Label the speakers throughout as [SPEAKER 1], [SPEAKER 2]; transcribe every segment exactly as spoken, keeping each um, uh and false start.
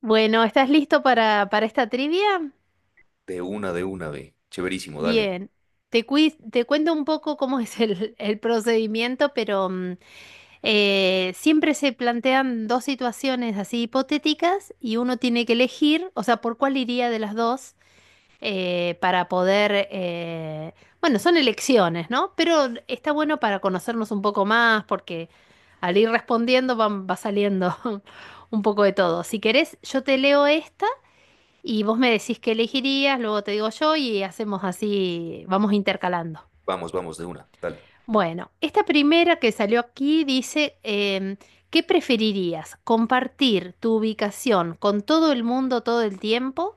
[SPEAKER 1] Bueno, ¿estás listo para, para esta trivia?
[SPEAKER 2] De una, de una, ve. Chéverísimo, dale.
[SPEAKER 1] Bien. Te, cui- te cuento un poco cómo es el, el procedimiento, pero mm, eh, siempre se plantean dos situaciones así hipotéticas y uno tiene que elegir, o sea, por cuál iría de las dos eh, para poder, eh, bueno, son elecciones, ¿no? Pero está bueno para conocernos un poco más porque al ir respondiendo van- va saliendo un poco de todo. Si querés, yo te leo esta. Y vos me decís qué elegirías, luego te digo yo y hacemos así, vamos intercalando.
[SPEAKER 2] Vamos, vamos, de una, dale.
[SPEAKER 1] Bueno, esta primera que salió aquí dice, em, ¿qué preferirías? ¿Compartir tu ubicación con todo el mundo todo el tiempo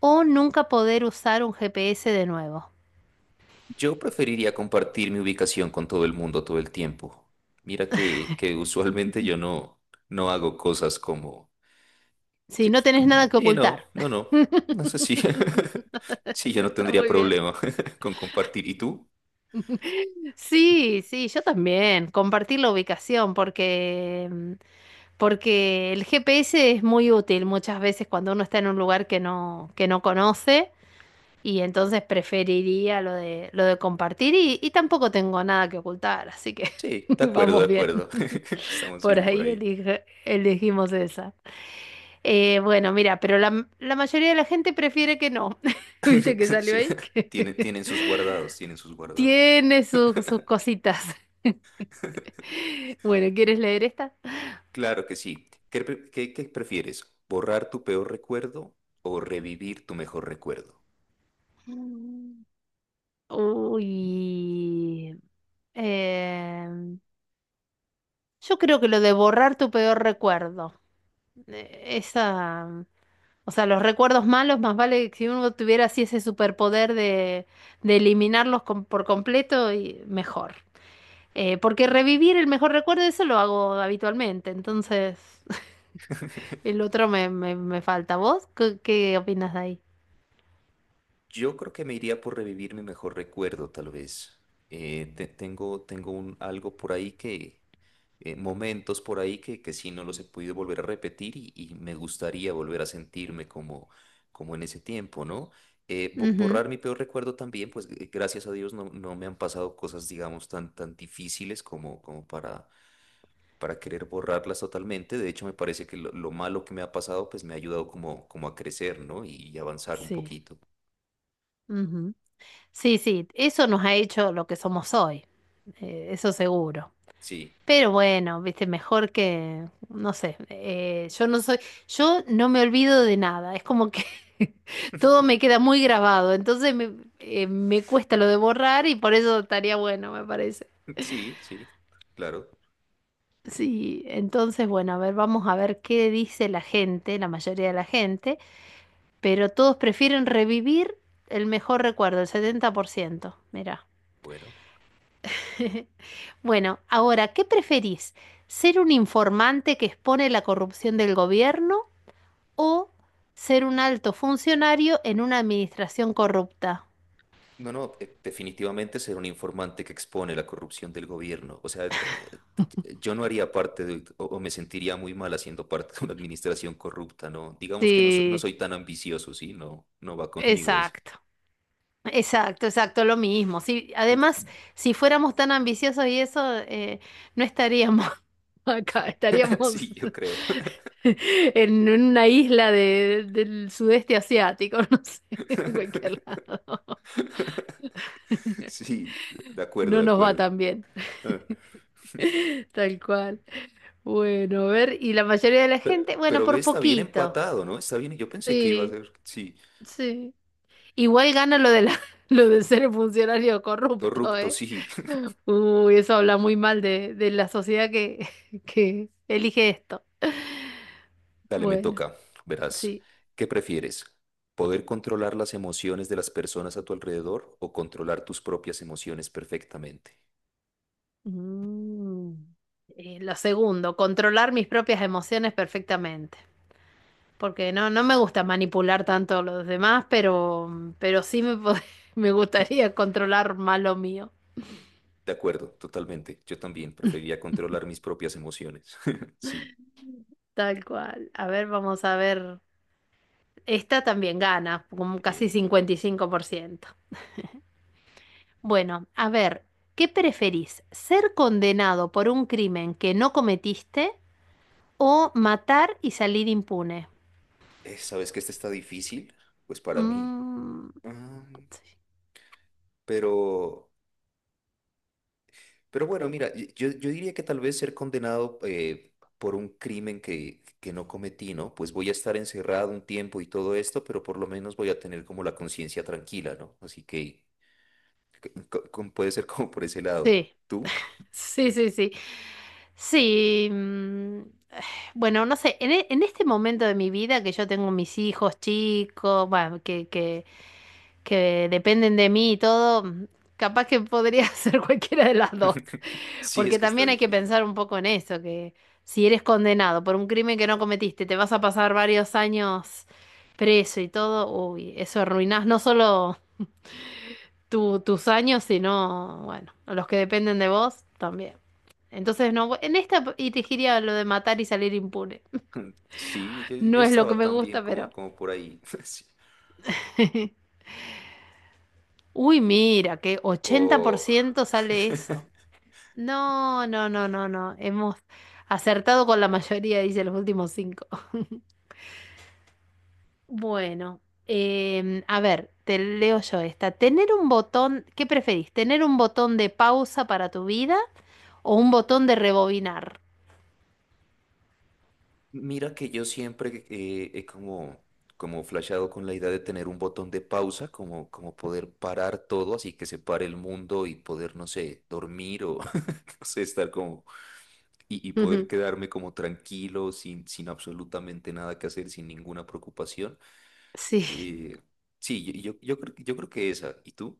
[SPEAKER 1] o nunca poder usar un G P S de nuevo?
[SPEAKER 2] Yo preferiría compartir mi ubicación con todo el mundo todo el tiempo. Mira que, que usualmente yo no, no hago cosas como.
[SPEAKER 1] Si
[SPEAKER 2] Que.
[SPEAKER 1] no tenés nada que
[SPEAKER 2] Y
[SPEAKER 1] ocultar.
[SPEAKER 2] no, no, no. No sé si. Sí, yo no
[SPEAKER 1] Está
[SPEAKER 2] tendría
[SPEAKER 1] muy bien.
[SPEAKER 2] problema con compartir. ¿Y tú?
[SPEAKER 1] Sí, sí, yo también. Compartir la ubicación porque, mm, porque el G P S es muy útil muchas veces cuando uno está en un lugar que no, que no conoce y entonces preferiría lo de, lo de compartir y, y tampoco tengo nada que ocultar, así que
[SPEAKER 2] Sí, de acuerdo, de
[SPEAKER 1] vamos bien.
[SPEAKER 2] acuerdo. Estamos
[SPEAKER 1] Por
[SPEAKER 2] bien por
[SPEAKER 1] ahí
[SPEAKER 2] ahí.
[SPEAKER 1] elige- elegimos esa. Eh, bueno, mira, pero la, la mayoría de la gente prefiere que no. ¿Viste que salió
[SPEAKER 2] Sí,
[SPEAKER 1] ahí?
[SPEAKER 2] tienen, tienen sus guardados, tienen sus
[SPEAKER 1] Que
[SPEAKER 2] guardados.
[SPEAKER 1] tiene sus sus cositas. Bueno, ¿quieres leer esta?
[SPEAKER 2] Claro que sí. ¿Qué, pre- qué- qué prefieres? ¿Borrar tu peor recuerdo o revivir tu mejor recuerdo?
[SPEAKER 1] Mm. Uy. em, yo creo que lo de borrar tu peor recuerdo. eh, Esa. mm, O sea, los recuerdos malos, más vale que si uno tuviera así ese superpoder de, de eliminarlos com- por completo, y mejor. Eh, porque revivir el mejor recuerdo, eso lo hago habitualmente. Entonces, el otro me, me, me falta. ¿Vos qué, qué opinas de ahí?
[SPEAKER 2] Yo creo que me iría por revivir mi mejor recuerdo, tal vez. Eh, te- tengo tengo un, algo por ahí que, eh, momentos por ahí que, que sí no los he podido volver a repetir y, y me gustaría volver a sentirme como, como en ese tiempo, ¿no? Eh, bo-
[SPEAKER 1] Ujú.
[SPEAKER 2] borrar mi peor recuerdo también, pues eh, gracias a Dios no, no me han pasado cosas, digamos, tan, tan difíciles como, como para para querer borrarlas totalmente. De hecho, me parece que lo, lo malo que me ha pasado, pues me ha ayudado como, como a crecer, ¿no? Y avanzar un
[SPEAKER 1] Sí.
[SPEAKER 2] poquito.
[SPEAKER 1] Sí, sí, eso nos ha hecho lo que somos hoy, eh, eso seguro.
[SPEAKER 2] Sí,
[SPEAKER 1] Pero bueno, viste, mejor que, no sé, eh, yo no soy, yo no me olvido de nada, es como que todo me queda muy grabado, entonces me, eh, me cuesta lo de borrar y por eso estaría bueno, me parece.
[SPEAKER 2] sí, sí, claro.
[SPEAKER 1] Sí, entonces bueno, a ver, vamos a ver qué dice la gente, la mayoría de la gente, pero todos prefieren revivir el mejor recuerdo, el setenta por ciento. Mira.
[SPEAKER 2] Bueno.
[SPEAKER 1] Bueno, ahora, ¿qué preferís? ¿Ser un informante que expone la corrupción del gobierno o ser un alto funcionario en una administración corrupta?
[SPEAKER 2] No, no, eh, definitivamente ser un informante que expone la corrupción del gobierno. O sea, eh, eh, yo no haría parte de, o o me sentiría muy mal haciendo parte de una administración corrupta, ¿no? Digamos que no, so- no
[SPEAKER 1] Sí,
[SPEAKER 2] soy tan ambicioso, ¿sí? No, no va conmigo eso.
[SPEAKER 1] exacto. Exacto, exacto, lo mismo. Sí,
[SPEAKER 2] Tú-
[SPEAKER 1] además, si fuéramos tan ambiciosos y eso, eh, no estaríamos acá, estaríamos
[SPEAKER 2] Sí, yo creo.
[SPEAKER 1] en una isla de- del sudeste asiático, no sé, en cualquier lado.
[SPEAKER 2] Sí, de acuerdo,
[SPEAKER 1] No
[SPEAKER 2] de
[SPEAKER 1] nos va
[SPEAKER 2] acuerdo.
[SPEAKER 1] tan bien.
[SPEAKER 2] Eh,
[SPEAKER 1] Tal cual. Bueno, a ver, y la mayoría de la
[SPEAKER 2] pe-
[SPEAKER 1] gente, bueno,
[SPEAKER 2] Pero, ve,
[SPEAKER 1] por
[SPEAKER 2] está bien
[SPEAKER 1] poquito.
[SPEAKER 2] empatado, ¿no? Está bien. Yo pensé que iba a
[SPEAKER 1] Sí,
[SPEAKER 2] ser, sí,
[SPEAKER 1] sí. Igual gana lo de la, lo de ser funcionario corrupto,
[SPEAKER 2] corrupto,
[SPEAKER 1] ¿eh?
[SPEAKER 2] sí.
[SPEAKER 1] Uy, eso habla muy mal de, de la sociedad que, que elige esto.
[SPEAKER 2] Dale, me
[SPEAKER 1] Bueno,
[SPEAKER 2] toca. Verás,
[SPEAKER 1] sí.
[SPEAKER 2] ¿qué prefieres? ¿Poder controlar las emociones de las personas a tu alrededor o controlar tus propias emociones perfectamente?
[SPEAKER 1] Mm. Eh, lo segundo, controlar mis propias emociones perfectamente. Porque no, no me gusta manipular tanto a los demás, pero, pero sí me, pod- me gustaría controlar más lo mío.
[SPEAKER 2] De acuerdo, totalmente. Yo también preferiría controlar mis propias emociones. Sí.
[SPEAKER 1] Tal cual. A ver, vamos a ver. Esta también gana, como
[SPEAKER 2] Sí.
[SPEAKER 1] casi cincuenta y cinco por ciento. Bueno, a ver, ¿qué preferís? ¿Ser condenado por un crimen que no cometiste o matar y salir impune?
[SPEAKER 2] Eh, ¿sabes que este está difícil? Pues para mí.
[SPEAKER 1] Mm,
[SPEAKER 2] Mm, pero. Pero bueno, mira, y- yo, yo diría que tal vez ser condenado eh, por un crimen que, que no cometí, ¿no? Pues voy a estar encerrado un tiempo y todo esto, pero por lo menos voy a tener como la conciencia tranquila, ¿no? Así que c- c- como puede ser como por ese lado.
[SPEAKER 1] Sí,
[SPEAKER 2] ¿Tú?
[SPEAKER 1] sí, sí, sí. Sí, mm, bueno, no sé, en, e- en este momento de mi vida que yo tengo mis hijos chicos, bueno, que, que, que dependen de mí y todo, mm, capaz que podría ser cualquiera de las dos,
[SPEAKER 2] Sí, es
[SPEAKER 1] porque
[SPEAKER 2] que está
[SPEAKER 1] también hay que
[SPEAKER 2] difícil. ¿Eh?
[SPEAKER 1] pensar un poco en eso, que si eres condenado por un crimen que no cometiste, te vas a pasar varios años preso y todo, uy, eso arruinás no solo tu- tus años, sino, bueno, los que dependen de vos también. Entonces, no, en esta elegiría lo de matar y salir impune.
[SPEAKER 2] Sí, yo, yo
[SPEAKER 1] No es lo que
[SPEAKER 2] estaba
[SPEAKER 1] me
[SPEAKER 2] también
[SPEAKER 1] gusta,
[SPEAKER 2] como,
[SPEAKER 1] pero.
[SPEAKER 2] como por ahí. Sí.
[SPEAKER 1] Uy, mira, que
[SPEAKER 2] O.
[SPEAKER 1] ochenta por ciento sale eso. No, no, no, no, no. Hemos acertado con la mayoría, dice los últimos cinco. Bueno, em, a ver, te leo yo esta. Tener un botón, ¿qué preferís? ¿Tener un botón de pausa para tu vida o un botón de rebobinar?
[SPEAKER 2] Mira que yo siempre eh, he como, como flasheado con la idea de tener un botón de pausa, como, como poder parar todo, así que se pare el mundo y poder, no sé, dormir o no sé, estar como y, y poder quedarme como tranquilo, sin, sin absolutamente nada que hacer, sin ninguna preocupación.
[SPEAKER 1] Sí.
[SPEAKER 2] Eh, sí, yo, yo, yo creo, yo creo que esa. ¿Y tú?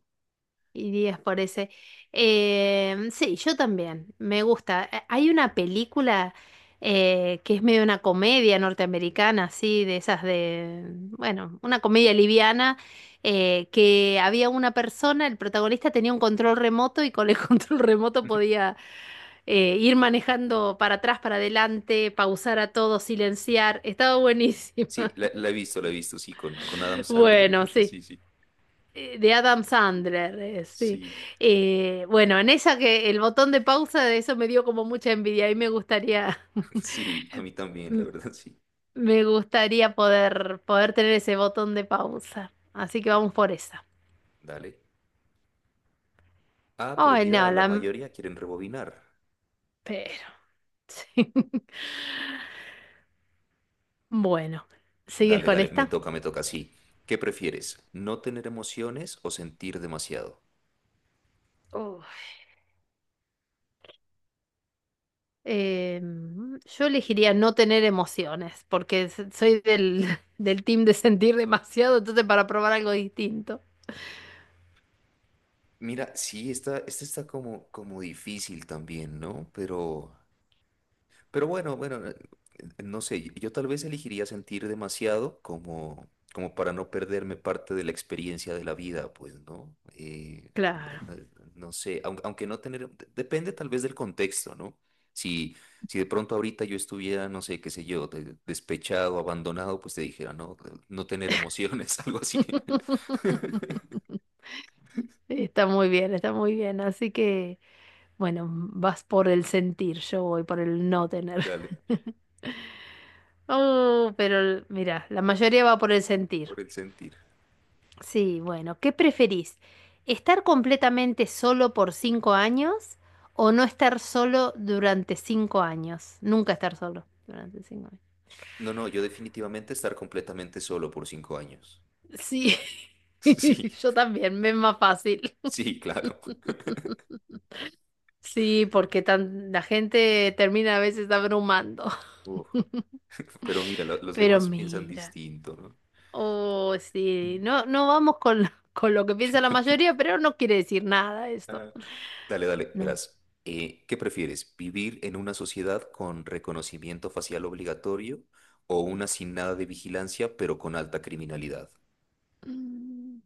[SPEAKER 1] Irías por ese. Eh, sí, yo también. Me gusta. Eh, Hay una película eh, que es medio una comedia norteamericana, así, de esas de, bueno, una comedia liviana, eh, que había una persona, el protagonista tenía un control remoto y con el control remoto podía, eh, ir manejando para atrás, para adelante, pausar a todo, silenciar. Estaba
[SPEAKER 2] Sí,
[SPEAKER 1] buenísima.
[SPEAKER 2] la, la he visto, la he visto, sí, con, con Adam Sandler,
[SPEAKER 1] Bueno,
[SPEAKER 2] creo que
[SPEAKER 1] sí.
[SPEAKER 2] sí, sí.
[SPEAKER 1] Eh, De Adam Sandler, eh, sí.
[SPEAKER 2] Sí,
[SPEAKER 1] Eh, bueno, en esa que el botón de pausa de eso me dio como mucha envidia y me gustaría,
[SPEAKER 2] sí, a mí también, la
[SPEAKER 1] m-
[SPEAKER 2] verdad, sí.
[SPEAKER 1] me gustaría poder, poder tener ese botón de pausa. Así que vamos por esa.
[SPEAKER 2] Dale. Ah, pero
[SPEAKER 1] Ay,
[SPEAKER 2] mira,
[SPEAKER 1] no,
[SPEAKER 2] la
[SPEAKER 1] la... m-
[SPEAKER 2] mayoría quieren rebobinar.
[SPEAKER 1] Pero, sí. Bueno, ¿sigues
[SPEAKER 2] Dale,
[SPEAKER 1] con
[SPEAKER 2] dale, me
[SPEAKER 1] esta?
[SPEAKER 2] toca, me toca, sí. ¿Qué prefieres? ¿No tener emociones o sentir demasiado?
[SPEAKER 1] Uf. Eh, yo elegiría no tener emociones, porque s- soy del, del team de sentir demasiado, entonces para probar algo distinto.
[SPEAKER 2] Mira, sí, esta, esta está como, como difícil también, ¿no? Pero Pero bueno, bueno, eh, no sé, yo yo tal vez elegiría sentir demasiado como, como para no perderme parte de la experiencia de la vida, pues, ¿no? Eh,
[SPEAKER 1] Claro.
[SPEAKER 2] no no sé, aun- aunque no tener, de- depende tal vez del contexto, ¿no? Si, si de pronto ahorita yo estuviera, no sé, qué sé yo, de- despechado, abandonado, pues te dijera, no, no tener emociones, algo así.
[SPEAKER 1] Está muy bien, está muy bien. Así que, bueno, vas por el sentir, yo voy por el no tener.
[SPEAKER 2] Dale,
[SPEAKER 1] Oh, pero el- mira, la mayoría va por el sentir.
[SPEAKER 2] por el sentir.
[SPEAKER 1] Sí, bueno, ¿qué preferís? ¿Estar completamente solo por cinco años o no estar solo durante cinco años? Nunca estar solo durante cinco años.
[SPEAKER 2] No, no, yo definitivamente estar completamente solo por cinco años.
[SPEAKER 1] Sí,
[SPEAKER 2] Sí,
[SPEAKER 1] yo también, me es más fácil.
[SPEAKER 2] sí, claro.
[SPEAKER 1] Sí, porque tan, la gente termina a veces abrumando.
[SPEAKER 2] Uf, pero mira, lo- los
[SPEAKER 1] Pero
[SPEAKER 2] demás piensan
[SPEAKER 1] mira,
[SPEAKER 2] distinto, ¿no?
[SPEAKER 1] oh, sí, no, no vamos con, lo- con lo que piensa la
[SPEAKER 2] Cualquier-
[SPEAKER 1] mayoría, pero no quiere decir nada esto.
[SPEAKER 2] Ah, dale, dale,
[SPEAKER 1] No.
[SPEAKER 2] verás. Eh, ¿qué prefieres? ¿Vivir en una sociedad con reconocimiento facial obligatorio o una sin nada de vigilancia pero con alta criminalidad?
[SPEAKER 1] Mm,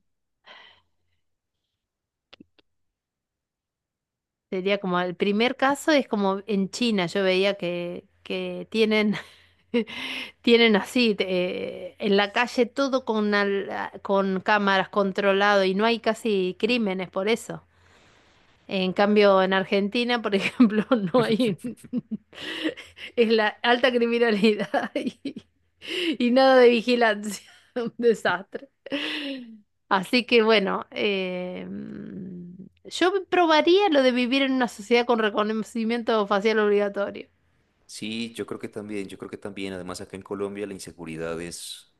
[SPEAKER 1] Sería como el primer caso es como en China, yo veía que, que tienen, tienen así, eh, en la calle todo con, al- con cámaras controlado y no hay casi
[SPEAKER 2] ¿Mm?
[SPEAKER 1] crímenes por eso. En cambio, en Argentina, por ejemplo, no hay... Es la alta criminalidad y, y nada de vigilancia. Un desastre. Así que bueno, eh, yo probaría lo de vivir en una sociedad con reconocimiento facial obligatorio.
[SPEAKER 2] Sí, yo creo que también, yo creo que también, además acá en Colombia la inseguridad es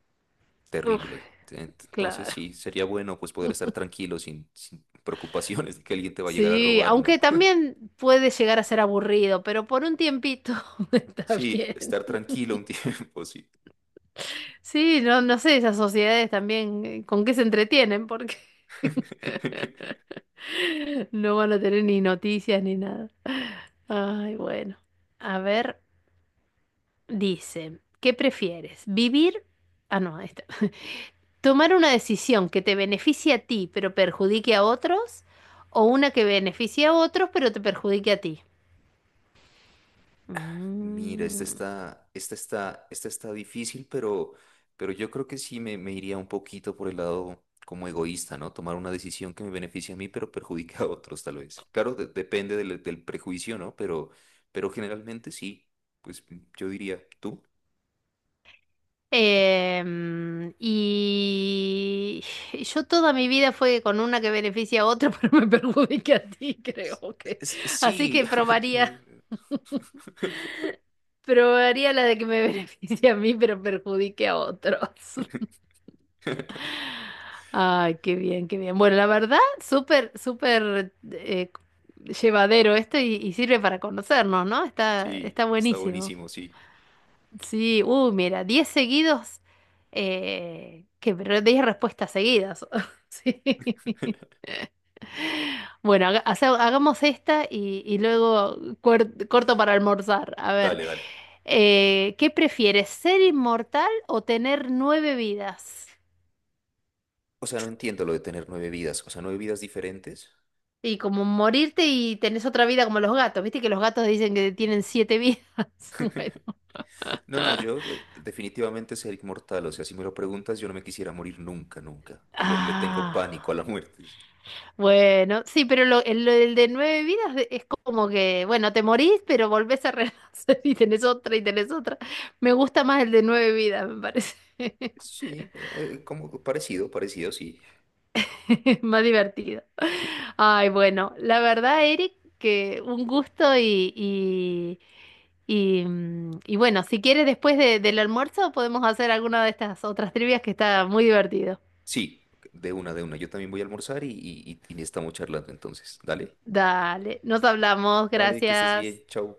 [SPEAKER 1] Uf,
[SPEAKER 2] terrible. Ent- Entonces
[SPEAKER 1] claro.
[SPEAKER 2] sí, sería bueno pues poder estar tranquilo sin, sin preocupaciones de que alguien te va a llegar a
[SPEAKER 1] Sí,
[SPEAKER 2] robar, ¿no?
[SPEAKER 1] aunque también puede llegar a ser aburrido, pero por un tiempito está
[SPEAKER 2] Sí,
[SPEAKER 1] bien.
[SPEAKER 2] estar tranquilo un tiempo, sí.
[SPEAKER 1] Sí, no, no sé, esas sociedades también, eh, ¿con qué se entretienen? Porque no van a tener ni noticias ni nada. Ay, bueno. A ver, dice, ¿qué prefieres? ¿Vivir? Ah, no, ahí está. ¿Tomar una decisión que te beneficie a ti pero perjudique a otros? ¿O una que beneficie a otros pero te perjudique a ti?
[SPEAKER 2] Mira, esta
[SPEAKER 1] Mm.
[SPEAKER 2] está, esta está, esta está difícil, pero, pero yo creo que sí me, me iría un poquito por el lado como egoísta, ¿no? Tomar una decisión que me beneficie a mí, pero perjudica a otros, tal vez. Claro, de- depende del, del prejuicio, ¿no? Pero, pero generalmente sí. Pues yo diría, ¿tú?
[SPEAKER 1] Em, y yo toda mi vida fue con una que beneficia a otra, pero me perjudica a ti, creo que.
[SPEAKER 2] Es- es-
[SPEAKER 1] Así
[SPEAKER 2] sí.
[SPEAKER 1] que probaría, probaría la de que me beneficie a mí, pero perjudique a otros. Ay, qué bien, qué bien. Bueno, la verdad, súper, súper, eh, llevadero esto y, y sirve para conocernos, ¿no? Está,
[SPEAKER 2] Sí,
[SPEAKER 1] está
[SPEAKER 2] está
[SPEAKER 1] buenísimo.
[SPEAKER 2] buenísimo, sí.
[SPEAKER 1] Sí, uh, mira, diez seguidos, eh, que pero diez respuestas seguidas. Sí. Bueno, haga- hace- hagamos esta y, y luego cuer- corto para almorzar. A ver,
[SPEAKER 2] Dale, dale.
[SPEAKER 1] eh, ¿qué prefieres, ser inmortal o tener nueve vidas?
[SPEAKER 2] O sea, no entiendo lo de tener nueve vidas. O sea, nueve vidas diferentes.
[SPEAKER 1] Y como morirte y tenés otra vida como los gatos, viste que los gatos dicen que tienen
[SPEAKER 2] eh,
[SPEAKER 1] siete vidas. Bueno.
[SPEAKER 2] No, no, yo eh, definitivamente ser inmortal, o sea, si me lo preguntas, yo no me quisiera morir nunca, nunca. Le, le tengo
[SPEAKER 1] Ah.
[SPEAKER 2] pánico a la muerte. Sí.
[SPEAKER 1] Bueno, sí, pero lo, el, el de nueve vidas de- es como que, bueno, te morís, pero volvés a renacer y tenés otra y tenés otra. Me gusta más el de nueve vidas, me parece.
[SPEAKER 2] Sí, eh, como parecido, parecido, sí.
[SPEAKER 1] Más divertido. Ay, bueno, la verdad, Eric, que un gusto y, y, y, mm, y bueno, si quieres después de- del almuerzo podemos hacer alguna de estas otras trivias que está muy divertido.
[SPEAKER 2] Sí, de una, de una. Yo también voy a almorzar y, y, y y estamos charlando entonces. Dale,
[SPEAKER 1] Dale, nos hablamos,
[SPEAKER 2] vale, que estés bien,
[SPEAKER 1] gracias.
[SPEAKER 2] chao.